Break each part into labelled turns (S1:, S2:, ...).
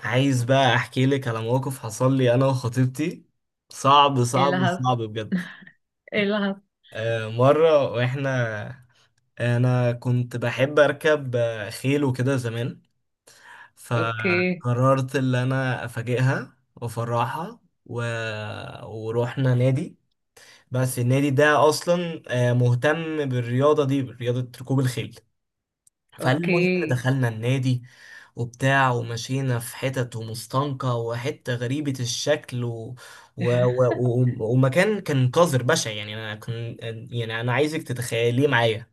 S1: عايز بقى احكي لك على موقف حصل لي انا وخطيبتي. صعب
S2: ايه اللي
S1: صعب
S2: حصل؟
S1: صعب بجد.
S2: ايه اللي حصل؟
S1: مرة واحنا انا كنت بحب اركب خيل وكده زمان.
S2: اوكي،
S1: فقررت ان انا افاجئها وافرحها و... ورحنا نادي. بس النادي ده اصلا مهتم بالرياضة دي برياضة ركوب الخيل. فالمهم
S2: اوكي.
S1: دخلنا النادي وبتاع ومشينا في حتت ومستنقع وحتة غريبة الشكل ومكان كان قذر بشع. يعني يعني انا عايزك تتخيليه معايا.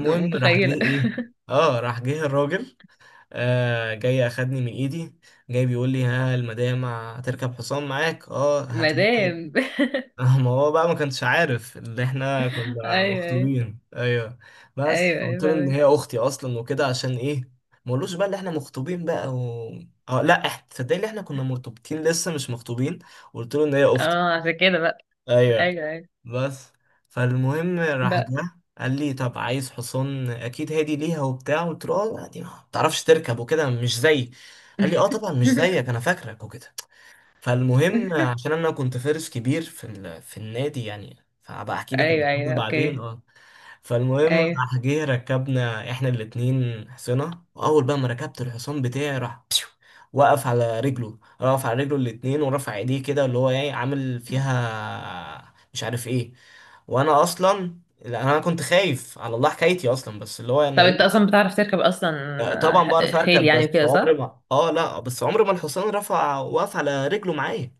S2: ده
S1: راح جه
S2: متخيلة.
S1: ايه، اه راح جه الراجل. جاي اخدني من ايدي، جاي بيقول لي: ها، المدام هتركب حصان معاك، اه هات.
S2: مدام.
S1: ما هو بقى ما كانش عارف اللي احنا كنا
S2: ايوه، ايوه،
S1: مخطوبين، ايوه. بس
S2: ايوه، ايوه
S1: قلت له ان
S2: فاهمك.
S1: هي اختي اصلا وكده، عشان ايه ما قلوش بقى اللي احنا مخطوبين بقى. و... اه لا احنا تصدقني اللي احنا كنا مرتبطين لسه مش مخطوبين. قلت له ان هي اختي.
S2: اه، عشان كده بقى.
S1: ايوه
S2: ايوه، ايوه،
S1: بس. فالمهم راح
S2: بقى.
S1: جه قال لي: طب عايز حصان اكيد هادي ليها وبتاع؟ قلت له: لا، دي ما بتعرفش تركب وكده، مش زي. قال لي: طبعا، مش زيك، انا فاكرك وكده. فالمهم عشان انا كنت فارس كبير في النادي يعني. فهبقى احكي لك
S2: ايوه،
S1: الموضوع ده
S2: ايوه،
S1: بعدين
S2: اوكي.
S1: فالمهم
S2: ايوه،
S1: راح جه ركبنا احنا الاتنين حصنة، واول بقى ما ركبت الحصان بتاعي راح بشو، وقف على رجله، وقف على رجله الاتنين ورفع ايديه كده، اللي هو ايه عامل فيها مش عارف ايه. وانا اصلا لا انا كنت خايف على الله حكايتي اصلا، بس اللي هو انا
S2: طب انت
S1: ايه.
S2: اصلا بتعرف تركب اصلا؟
S1: طبعا
S2: آه،
S1: بعرف
S2: خيل
S1: اركب
S2: يعني
S1: بس
S2: وكده،
S1: عمري
S2: صح؟
S1: ما اه لا بس عمري ما الحصان رفع وقف على رجله معايا.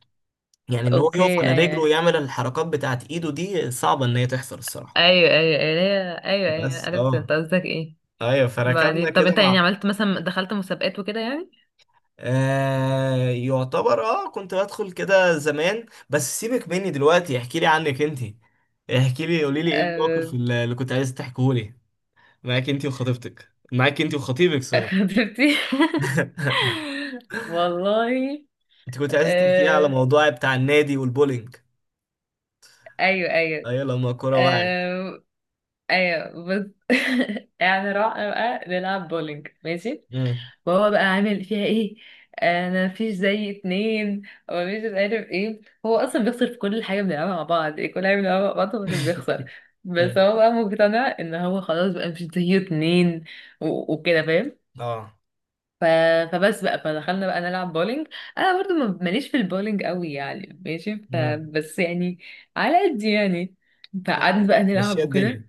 S1: يعني ان هو يقف
S2: اوكي،
S1: على رجله
S2: ايوه،
S1: ويعمل الحركات بتاعت ايده دي صعبة ان هي تحصل الصراحة.
S2: ايوه، ايوه، ايوه ايوه، ايوه،
S1: بس
S2: عرفت انت قصدك ايه.
S1: ايوه فركبنا
S2: بعدين طب
S1: كده
S2: انت يعني
S1: مع.
S2: عملت مثلا دخلت مسابقات وكده؟
S1: يعتبر، كنت بدخل كده زمان، بس سيبك مني دلوقتي، احكي لي عنك انت. احكي لي، قولي لي ايه الموقف
S2: يعني
S1: اللي كنت عايز تحكيه لي، معاك انت وخطيبتك، معاك انت وخطيبك سوري.
S2: خطيبتي. والله.
S1: انت كنت عايز تحكي لي على
S2: آه...
S1: موضوع بتاع النادي والبولينج،
S2: ايوه، ايوه.
S1: ايوه لما الكوره وقعت.
S2: آه... ايوه، بس. يعني رحنا بقى نلعب بولينج، ماشي.
S1: مم.
S2: وهو بقى عامل فيها ايه؟ انا مفيش زي اتنين، ومفيش مش عارف ايه. هو اصلا بيخسر في كل حاجه بنلعبها مع بعض، إيه، كل حاجه بنلعبها مع بعض هو اللي بيخسر. بس
S1: مم.
S2: هو بقى مقتنع ان هو خلاص بقى مش زي اتنين، وكده، فاهم.
S1: اه.
S2: ف... فبس بقى فدخلنا بقى نلعب بولينج. انا برضو ماليش في البولينج قوي يعني، ماشي. ف...
S1: مم.
S2: بس يعني، على قد يعني،
S1: آه،
S2: فقعدنا بقى نلعب
S1: مشيها الدنيا.
S2: وكده.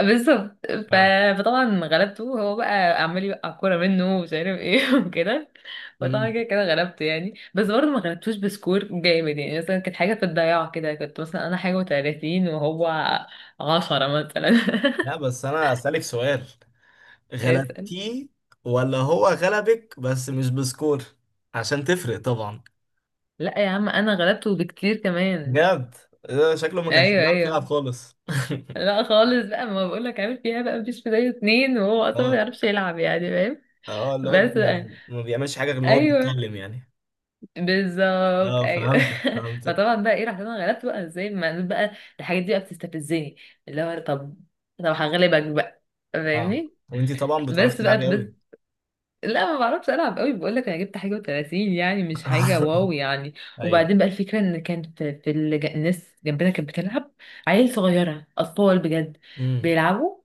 S2: بالظبط. ف...
S1: اه.
S2: فطبعا غلبته، هو بقى عمال يوقع كوره منه ومش عارف ايه وكده. فطبعا
S1: مم.
S2: كده كده غلبته يعني، بس برضه ما غلبتوش بسكور جامد يعني، مثلا كانت حاجه في الضياع كده، كنت مثلا انا حاجه و30 وهو 10 مثلا.
S1: لا بس انا اسالك سؤال،
S2: اسال.
S1: غلبتيه ولا هو غلبك بس مش بسكور؟ عشان تفرق طبعا.
S2: لا يا عم انا غلبته بكتير كمان.
S1: بجد؟ ده شكله ما كانش
S2: ايوه،
S1: بيعرف يلعب
S2: ايوه.
S1: خالص.
S2: لا خالص بقى، ما بقولك عامل فيها بقى مفيش بداية اتنين، وهو اصلا ما
S1: اه.
S2: بيعرفش يلعب يعني، فاهم.
S1: اه اللي هو
S2: بس بقى.
S1: ما بيعملش حاجه غير ان هو
S2: ايوه،
S1: بيتكلم يعني.
S2: بالظبط،
S1: اه
S2: ايوه.
S1: فهمتك فهمتك.
S2: فطبعا بقى ايه، رحت انا غلبت بقى ازاي ما بقى. الحاجات دي بقى بتستفزني، اللي هو طب، طب هغلبك بقى،
S1: اه
S2: فاهمني.
S1: وانتي طبعا بتعرفي
S2: بس بقى،
S1: تلعبي
S2: بس.
S1: قوي.
S2: لا ما بعرفش العب قوي، بقول لك انا جبت حاجه و30 يعني، مش حاجه واو يعني.
S1: ايوه.
S2: وبعدين بقى الفكره ان كانت في الناس جنبنا كانت بتلعب عيال صغيره اطفال بجد
S1: امم.
S2: بيلعبوا،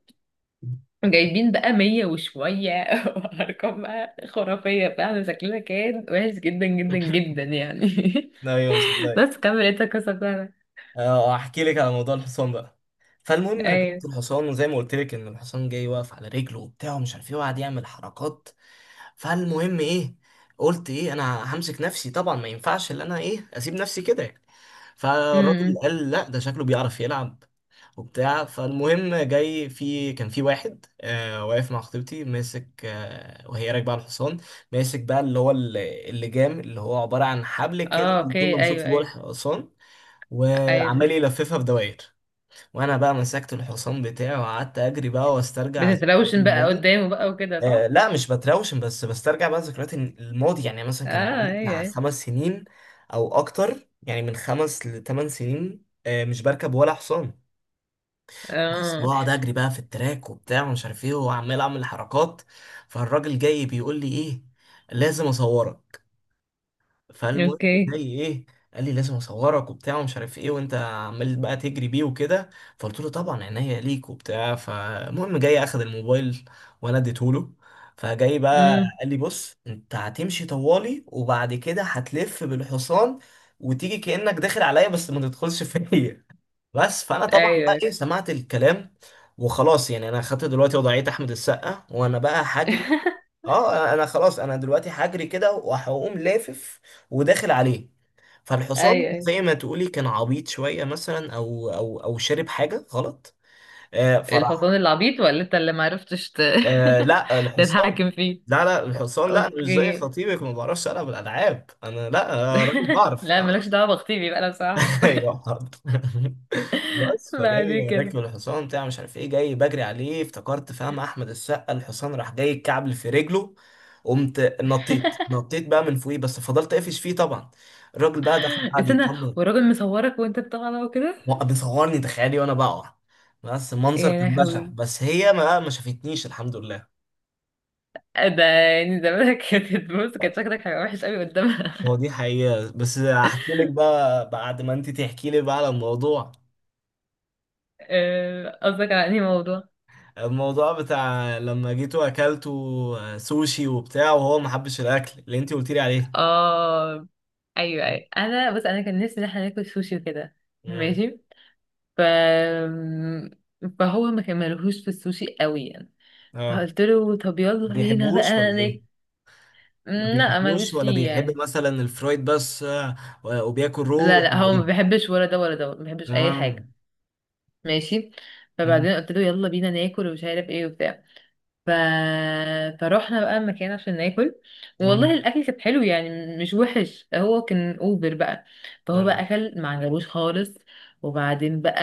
S2: جايبين بقى مية وشوية وأرقام بقى خرافية فعلا، شكلنا كان وحش جدا جدا جدا يعني.
S1: ايوه مصدق.
S2: بس كمل انت القصة بتاعتك.
S1: اه احكي لك على موضوع الحصان بقى. فالمهم
S2: أيوة.
S1: ركبت الحصان، وزي ما قلت لك ان الحصان جاي واقف على رجله وبتاع ومش عارف ايه وقعد يعمل حركات. فالمهم ايه، قلت ايه، انا همسك نفسي طبعا، ما ينفعش ان انا ايه اسيب نفسي كده يعني. فالراجل
S2: امم.
S1: قال: لا ده شكله بيعرف يلعب وبتاع. فالمهم جاي كان في واحد واقف مع خطيبتي ماسك، وهي راكبه على الحصان، ماسك بقى اللي هو اللجام، اللي هو عباره عن حبل كده
S2: اه،
S1: بيكون
S2: اوكي،
S1: ممسوك
S2: أيوة،
S1: جوه
S2: أيوة.
S1: الحصان،
S2: أيوة
S1: وعمال
S2: فهمت.
S1: يلففها في دوائر. وانا بقى مسكت الحصان بتاعي وقعدت اجري بقى واسترجع ذكريات
S2: بتتروشن بقى
S1: الماضي.
S2: قدامه بقى وكده، صح؟
S1: لا مش بتراوشن، بس بسترجع بقى ذكريات الماضي. يعني مثلا كان
S2: اه،
S1: بقالي
S2: أيوة،
S1: بتاع
S2: أيوة.
S1: خمس سنين، او اكتر، يعني من خمس لثمان سنين مش بركب ولا حصان. بس
S2: اه.
S1: بقعد اجري بقى في التراك وبتاع ومش عارف ايه وعمال اعمل حركات. فالراجل جاي بيقول لي ايه: لازم اصورك. فالمهم
S2: اوكي.
S1: جاي ايه، قال لي: لازم اصورك وبتاع ومش عارف ايه، وانت عمال بقى تجري بيه وكده. فقلت له: طبعا عينيا ليك وبتاع. فالمهم جاي اخد الموبايل، وانا اديته له. فجاي بقى
S2: امم.
S1: قال لي: بص انت هتمشي طوالي وبعد كده هتلف بالحصان وتيجي كأنك داخل عليا بس ما تدخلش فيا. بس فانا
S2: أيوة،
S1: طبعا بقى
S2: أيوة.
S1: ايه سمعت الكلام وخلاص. يعني انا خدت دلوقتي وضعية احمد السقا وانا بقى هجري. اه انا خلاص، انا دلوقتي هجري كده وهقوم لافف وداخل عليه. فالحصان
S2: أيوة، أيوة.
S1: زي ما تقولي كان عبيط شوية، مثلا او شرب حاجة غلط. فراح.
S2: الحصان العبيط ولا انت اللي معرفتش
S1: لا الحصان.
S2: تتحكم فيه؟
S1: لا لا الحصان. لا انا مش زي
S2: اوكي.
S1: خطيبك ما بعرفش العب الالعاب، انا لا، راجل بعرف
S2: لا
S1: اه.
S2: مالكش دعوة بخطيبي بقى، أنا بصراحة.
S1: ايوه حاضر. بس
S2: بعد
S1: فجاي
S2: كده.
S1: راكب الحصان بتاع مش عارف ايه، جاي بجري عليه افتكرت فاهم احمد السقا، الحصان راح جاي كعبل في رجله، قمت نطيت، نطيت بقى من فوقيه، بس فضلت قافش فيه طبعا. الراجل بقى دخل قعد
S2: استنى،
S1: يطمن،
S2: والراجل مصورك وانت بتطلع وكده؟
S1: وقف بيصورني تخيلي وانا بقع. بس المنظر
S2: يا
S1: كان بشع،
S2: لهوي،
S1: بس هي ما شافتنيش الحمد لله.
S2: ده يعني زمانك كانت، بص كان شكلك هيبقى وحش قوي قدامها.
S1: هو دي حقيقة بس هحكي لك بقى بعد ما انت تحكي لي بقى على الموضوع،
S2: آه، قصدك على انهي موضوع؟
S1: الموضوع بتاع لما جيتوا واكلتوا سوشي وبتاع وهو ما حبش الاكل اللي انت قلت لي عليه.
S2: اه، ايوه، ايوه، انا بس انا كان نفسي ان احنا ناكل سوشي وكده،
S1: امم
S2: ماشي. ف فهو ما كملهوش في السوشي قوي يعني،
S1: اه
S2: فقلت له طب
S1: ما
S2: يلا بينا
S1: بيحبوش
S2: بقى
S1: ولا ايه؟ ما
S2: لا
S1: بيحبوش
S2: ملوش
S1: ولا
S2: فيه
S1: بيحب
S2: يعني.
S1: مثلا الفرويد بس وبياكل رو
S2: لا لا
S1: ولا
S2: هو ما
S1: ايه؟
S2: بيحبش، ولا ده ولا ده ما بيحبش اي
S1: اه.
S2: حاجه. ماشي.
S1: مم.
S2: فبعدين قلت له يلا بينا ناكل ومش عارف ايه وبتاع. ف... فروحنا بقى مكان عشان ناكل. والله
S1: مم.
S2: الاكل كان حلو يعني، مش وحش، هو كان اوبر بقى. فهو بقى
S1: اه.
S2: اكل ما عجبوش خالص. وبعدين بقى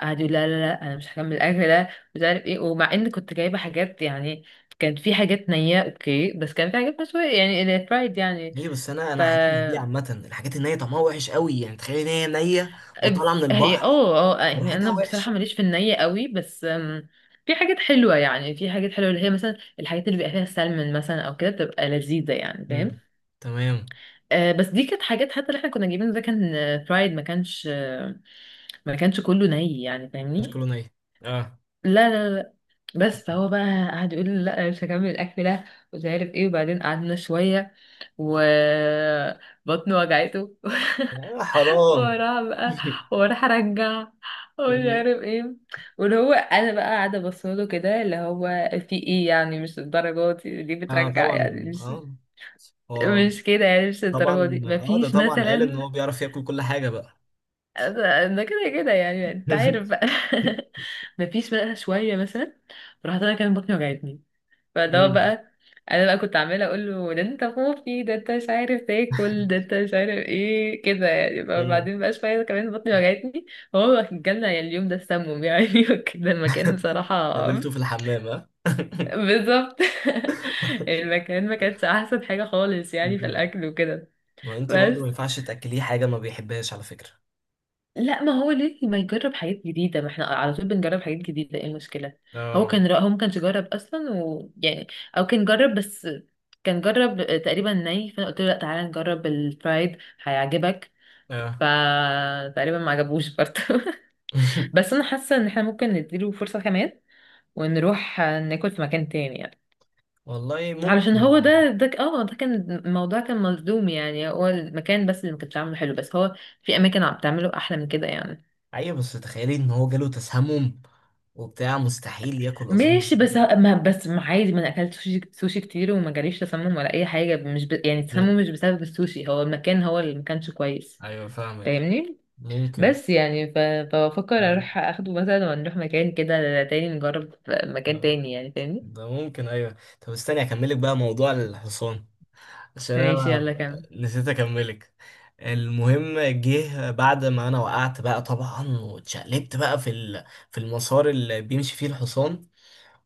S2: قعد يقول لا لا لا، انا مش هكمل الاكل ده، مش عارف ايه، ومع ان كنت جايبه حاجات يعني، كان في حاجات نية اوكي، بس كان في حاجات مشوية يعني، فرايد يعني.
S1: ليه بس؟ انا
S2: ف
S1: انا حاسس بيه عامه الحاجات النيه طعمها وحش قوي يعني. تخيل ان هي نيه وطالعه من
S2: هي
S1: البحر
S2: اه اه يعني
S1: وريحتها
S2: انا بصراحه
S1: وحشه.
S2: ماليش في الني قوي، بس في حاجات حلوه يعني، في حاجات حلوه اللي هي مثلا الحاجات اللي بيبقى فيها سلمون مثلا او كده بتبقى لذيذه يعني، فاهم.
S1: امم. تمام.
S2: آه بس دي كانت حاجات، حتى اللي احنا كنا جايبينه ده كان آه، فرايد ما كانش آه، ما كانش كله ني يعني،
S1: مش
S2: فاهمني.
S1: كله نيه، اه.
S2: لا لا لا. بس فهو بقى قعد يقول لي لا مش هكمل الاكل ده، مش عارف ايه. وبعدين قعدنا شويه وبطنه وجعته
S1: آه، حرام.
S2: وراها بقى، وراح ارجع ومش عارف ايه. واللي هو انا بقى قاعده بصله كده، اللي هو في ايه يعني، مش الدرجه دي ليه
S1: اه
S2: بترجع يعني،
S1: طبعا
S2: مش
S1: اه هو
S2: مش كده يعني، مش
S1: طبعا
S2: الدرجه دي،
S1: اه ده
S2: مفيش
S1: طبعا قال ان
S2: مثلا.
S1: هو بيعرف ياكل كل حاجه بقى.
S2: ده كده كده يعني انت عارف بقى. مفيش بقى شويه مثلا. راحت انا كان بطني وجعتني، فاللي هو
S1: مم.
S2: بقى انا بقى كنت عماله اقول له ده انت خوفي، ده انت مش عارف تاكل، ده انت مش عارف ايه كده يعني،
S1: مم.
S2: بعدين بقى شويه كمان بطني وجعتني. هو جالنا يعني اليوم ده السموم يعني وكده، المكان بصراحه.
S1: قابلته في الحمام ها؟
S2: بالظبط. المكان ما كانتش احسن حاجه خالص يعني في
S1: مم.
S2: الاكل وكده.
S1: ما انتي برضو ما
S2: بس
S1: ينفعش تاكليه حاجه ما بيحبهاش على فكره.
S2: لا، ما هو ليه ما يجرب حاجات جديدة؟ ما احنا على طول بنجرب حاجات جديدة، ايه المشكلة؟ هو
S1: اه.
S2: كان هو ما كانش جرب اصلا ويعني، او كان جرب، بس كان جرب تقريبا ني، فانا قلت له لا تعالى نجرب الفرايد، هيعجبك.
S1: اه.
S2: فتقريبا ما عجبوش برضه. بس انا حاسة ان احنا ممكن نديله فرصة كمان، ونروح ناكل في مكان تاني يعني.
S1: والله
S2: علشان
S1: ممكن.
S2: هو ده ده ك- اه ده كان الموضوع كان مظلوم يعني، هو المكان بس اللي ما كانش عامله حلو، بس هو في اماكن عم بتعمله احلى من كده يعني.
S1: ايوه بس تخيلي ان هو جاله تسمم وبتاع، مستحيل ياكل اظن.
S2: ماشي بس ه- ما بس ما عادي، ما انا اكلت سوشي, سوشي كتير وما جاليش تسمم ولا اي حاجه مش ب... يعني
S1: مم.
S2: التسمم مش بسبب السوشي، هو المكان هو اللي ما كانش كويس،
S1: ايوه فاهمك.
S2: فاهمني؟
S1: ممكن.
S2: بس يعني فبفكر
S1: أيوة.
S2: اروح اخده مثلا ونروح مكان كده تاني، نجرب في مكان
S1: آه.
S2: تاني يعني، فاهمني.
S1: ده ممكن، ايوه. طب استني اكملك بقى موضوع الحصان، عشان
S2: ماشي،
S1: انا
S2: يلا كمل.
S1: نسيت اكملك. المهم جه بعد ما انا وقعت بقى طبعا واتشقلبت بقى في المسار اللي بيمشي فيه الحصان،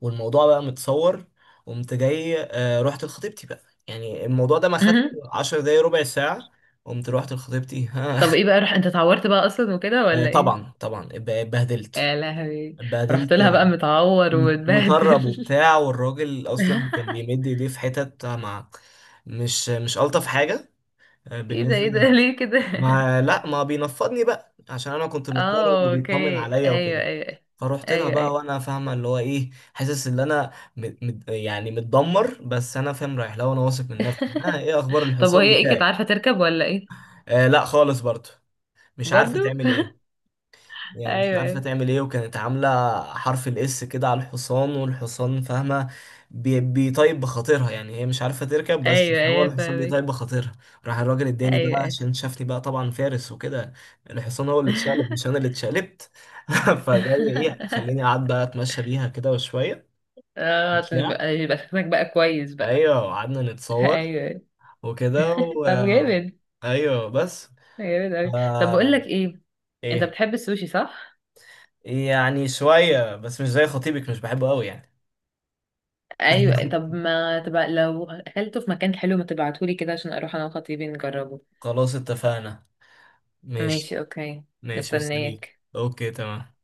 S1: والموضوع بقى متصور. قمت جاي رحت لخطيبتي بقى. يعني الموضوع ده ما خدش
S2: مهم.
S1: 10 دقايق، ربع ساعة. قمت رحت لخطيبتي ها.
S2: طب ايه بقى، رح انت اتعورت بقى اصلا وكده ولا ايه؟
S1: طبعا طبعا، اتبهدلت.
S2: يا لهوي. رحت
S1: اتبهدلت
S2: لها بقى متعور
S1: مطرب
S2: ومتبهدل.
S1: وبتاع، والراجل اصلا كان بيمد ايديه في حتت مع، مش الطف حاجة.
S2: ايه ده؟
S1: بالنسبة،
S2: ايه ده ليه كده؟
S1: ما لا ما بينفضني بقى عشان انا كنت مضطرب
S2: اه،
S1: وبيطمن
S2: اوكي،
S1: عليا
S2: ايوه،
S1: وكده.
S2: ايوه،
S1: فروحت لها
S2: ايوه،
S1: بقى
S2: ايوه.
S1: وانا فاهمه اللي هو ايه، حاسس ان انا مد مد يعني متدمر، بس انا فاهم رايح لها وانا واثق من نفسي: ها، ايه اخبار
S2: طب
S1: الحصان
S2: وهي ايه، كانت
S1: بتاعي؟
S2: عارفة تركب ولا ايه؟
S1: لا خالص برضه مش عارفه
S2: برضو.
S1: تعمل ايه. يعني مش
S2: ايوه،
S1: عارفة
S2: ايوه،
S1: تعمل ايه، وكانت عاملة حرف الاس كده على الحصان، والحصان فاهمة، بيطيب بخاطرها. يعني هي مش عارفة تركب بس
S2: ايوه،
S1: هو
S2: ايوه
S1: الحصان
S2: فاهمك.
S1: بيطيب بخاطرها. راح الراجل اداني
S2: ايوه.
S1: بقى
S2: ايوه.
S1: عشان شافني بقى طبعا فارس وكده، الحصان هو اللي اتشقلب مش انا اللي اتشقلبت. فجاي ايه خليني قعد بقى اتمشى بيها كده وشوية
S2: اه، عشان
S1: بتاع
S2: يبقى يبقى شكلك بقى كويس بقى.
S1: ايوه قعدنا
S2: ايوه.
S1: نتصور
S2: أيوة.
S1: وكده و...
S2: طب
S1: آه،
S2: جامد.
S1: ايوه بس
S2: جامد اوي. طب بقول لك
S1: آه...
S2: ايه، انت
S1: ايه؟
S2: بتحب السوشي صح؟
S1: يعني شوية بس مش زي خطيبك مش بحبه قوي يعني.
S2: ايوه، طب ما تبقى لو اكلته في مكان حلو ما تبعتهولي كده عشان اروح انا وخطيبي نجربه.
S1: خلاص اتفقنا. ماشي.
S2: ماشي، اوكي.
S1: ماشي مستنيك.
S2: مستنياك
S1: اوكي تمام.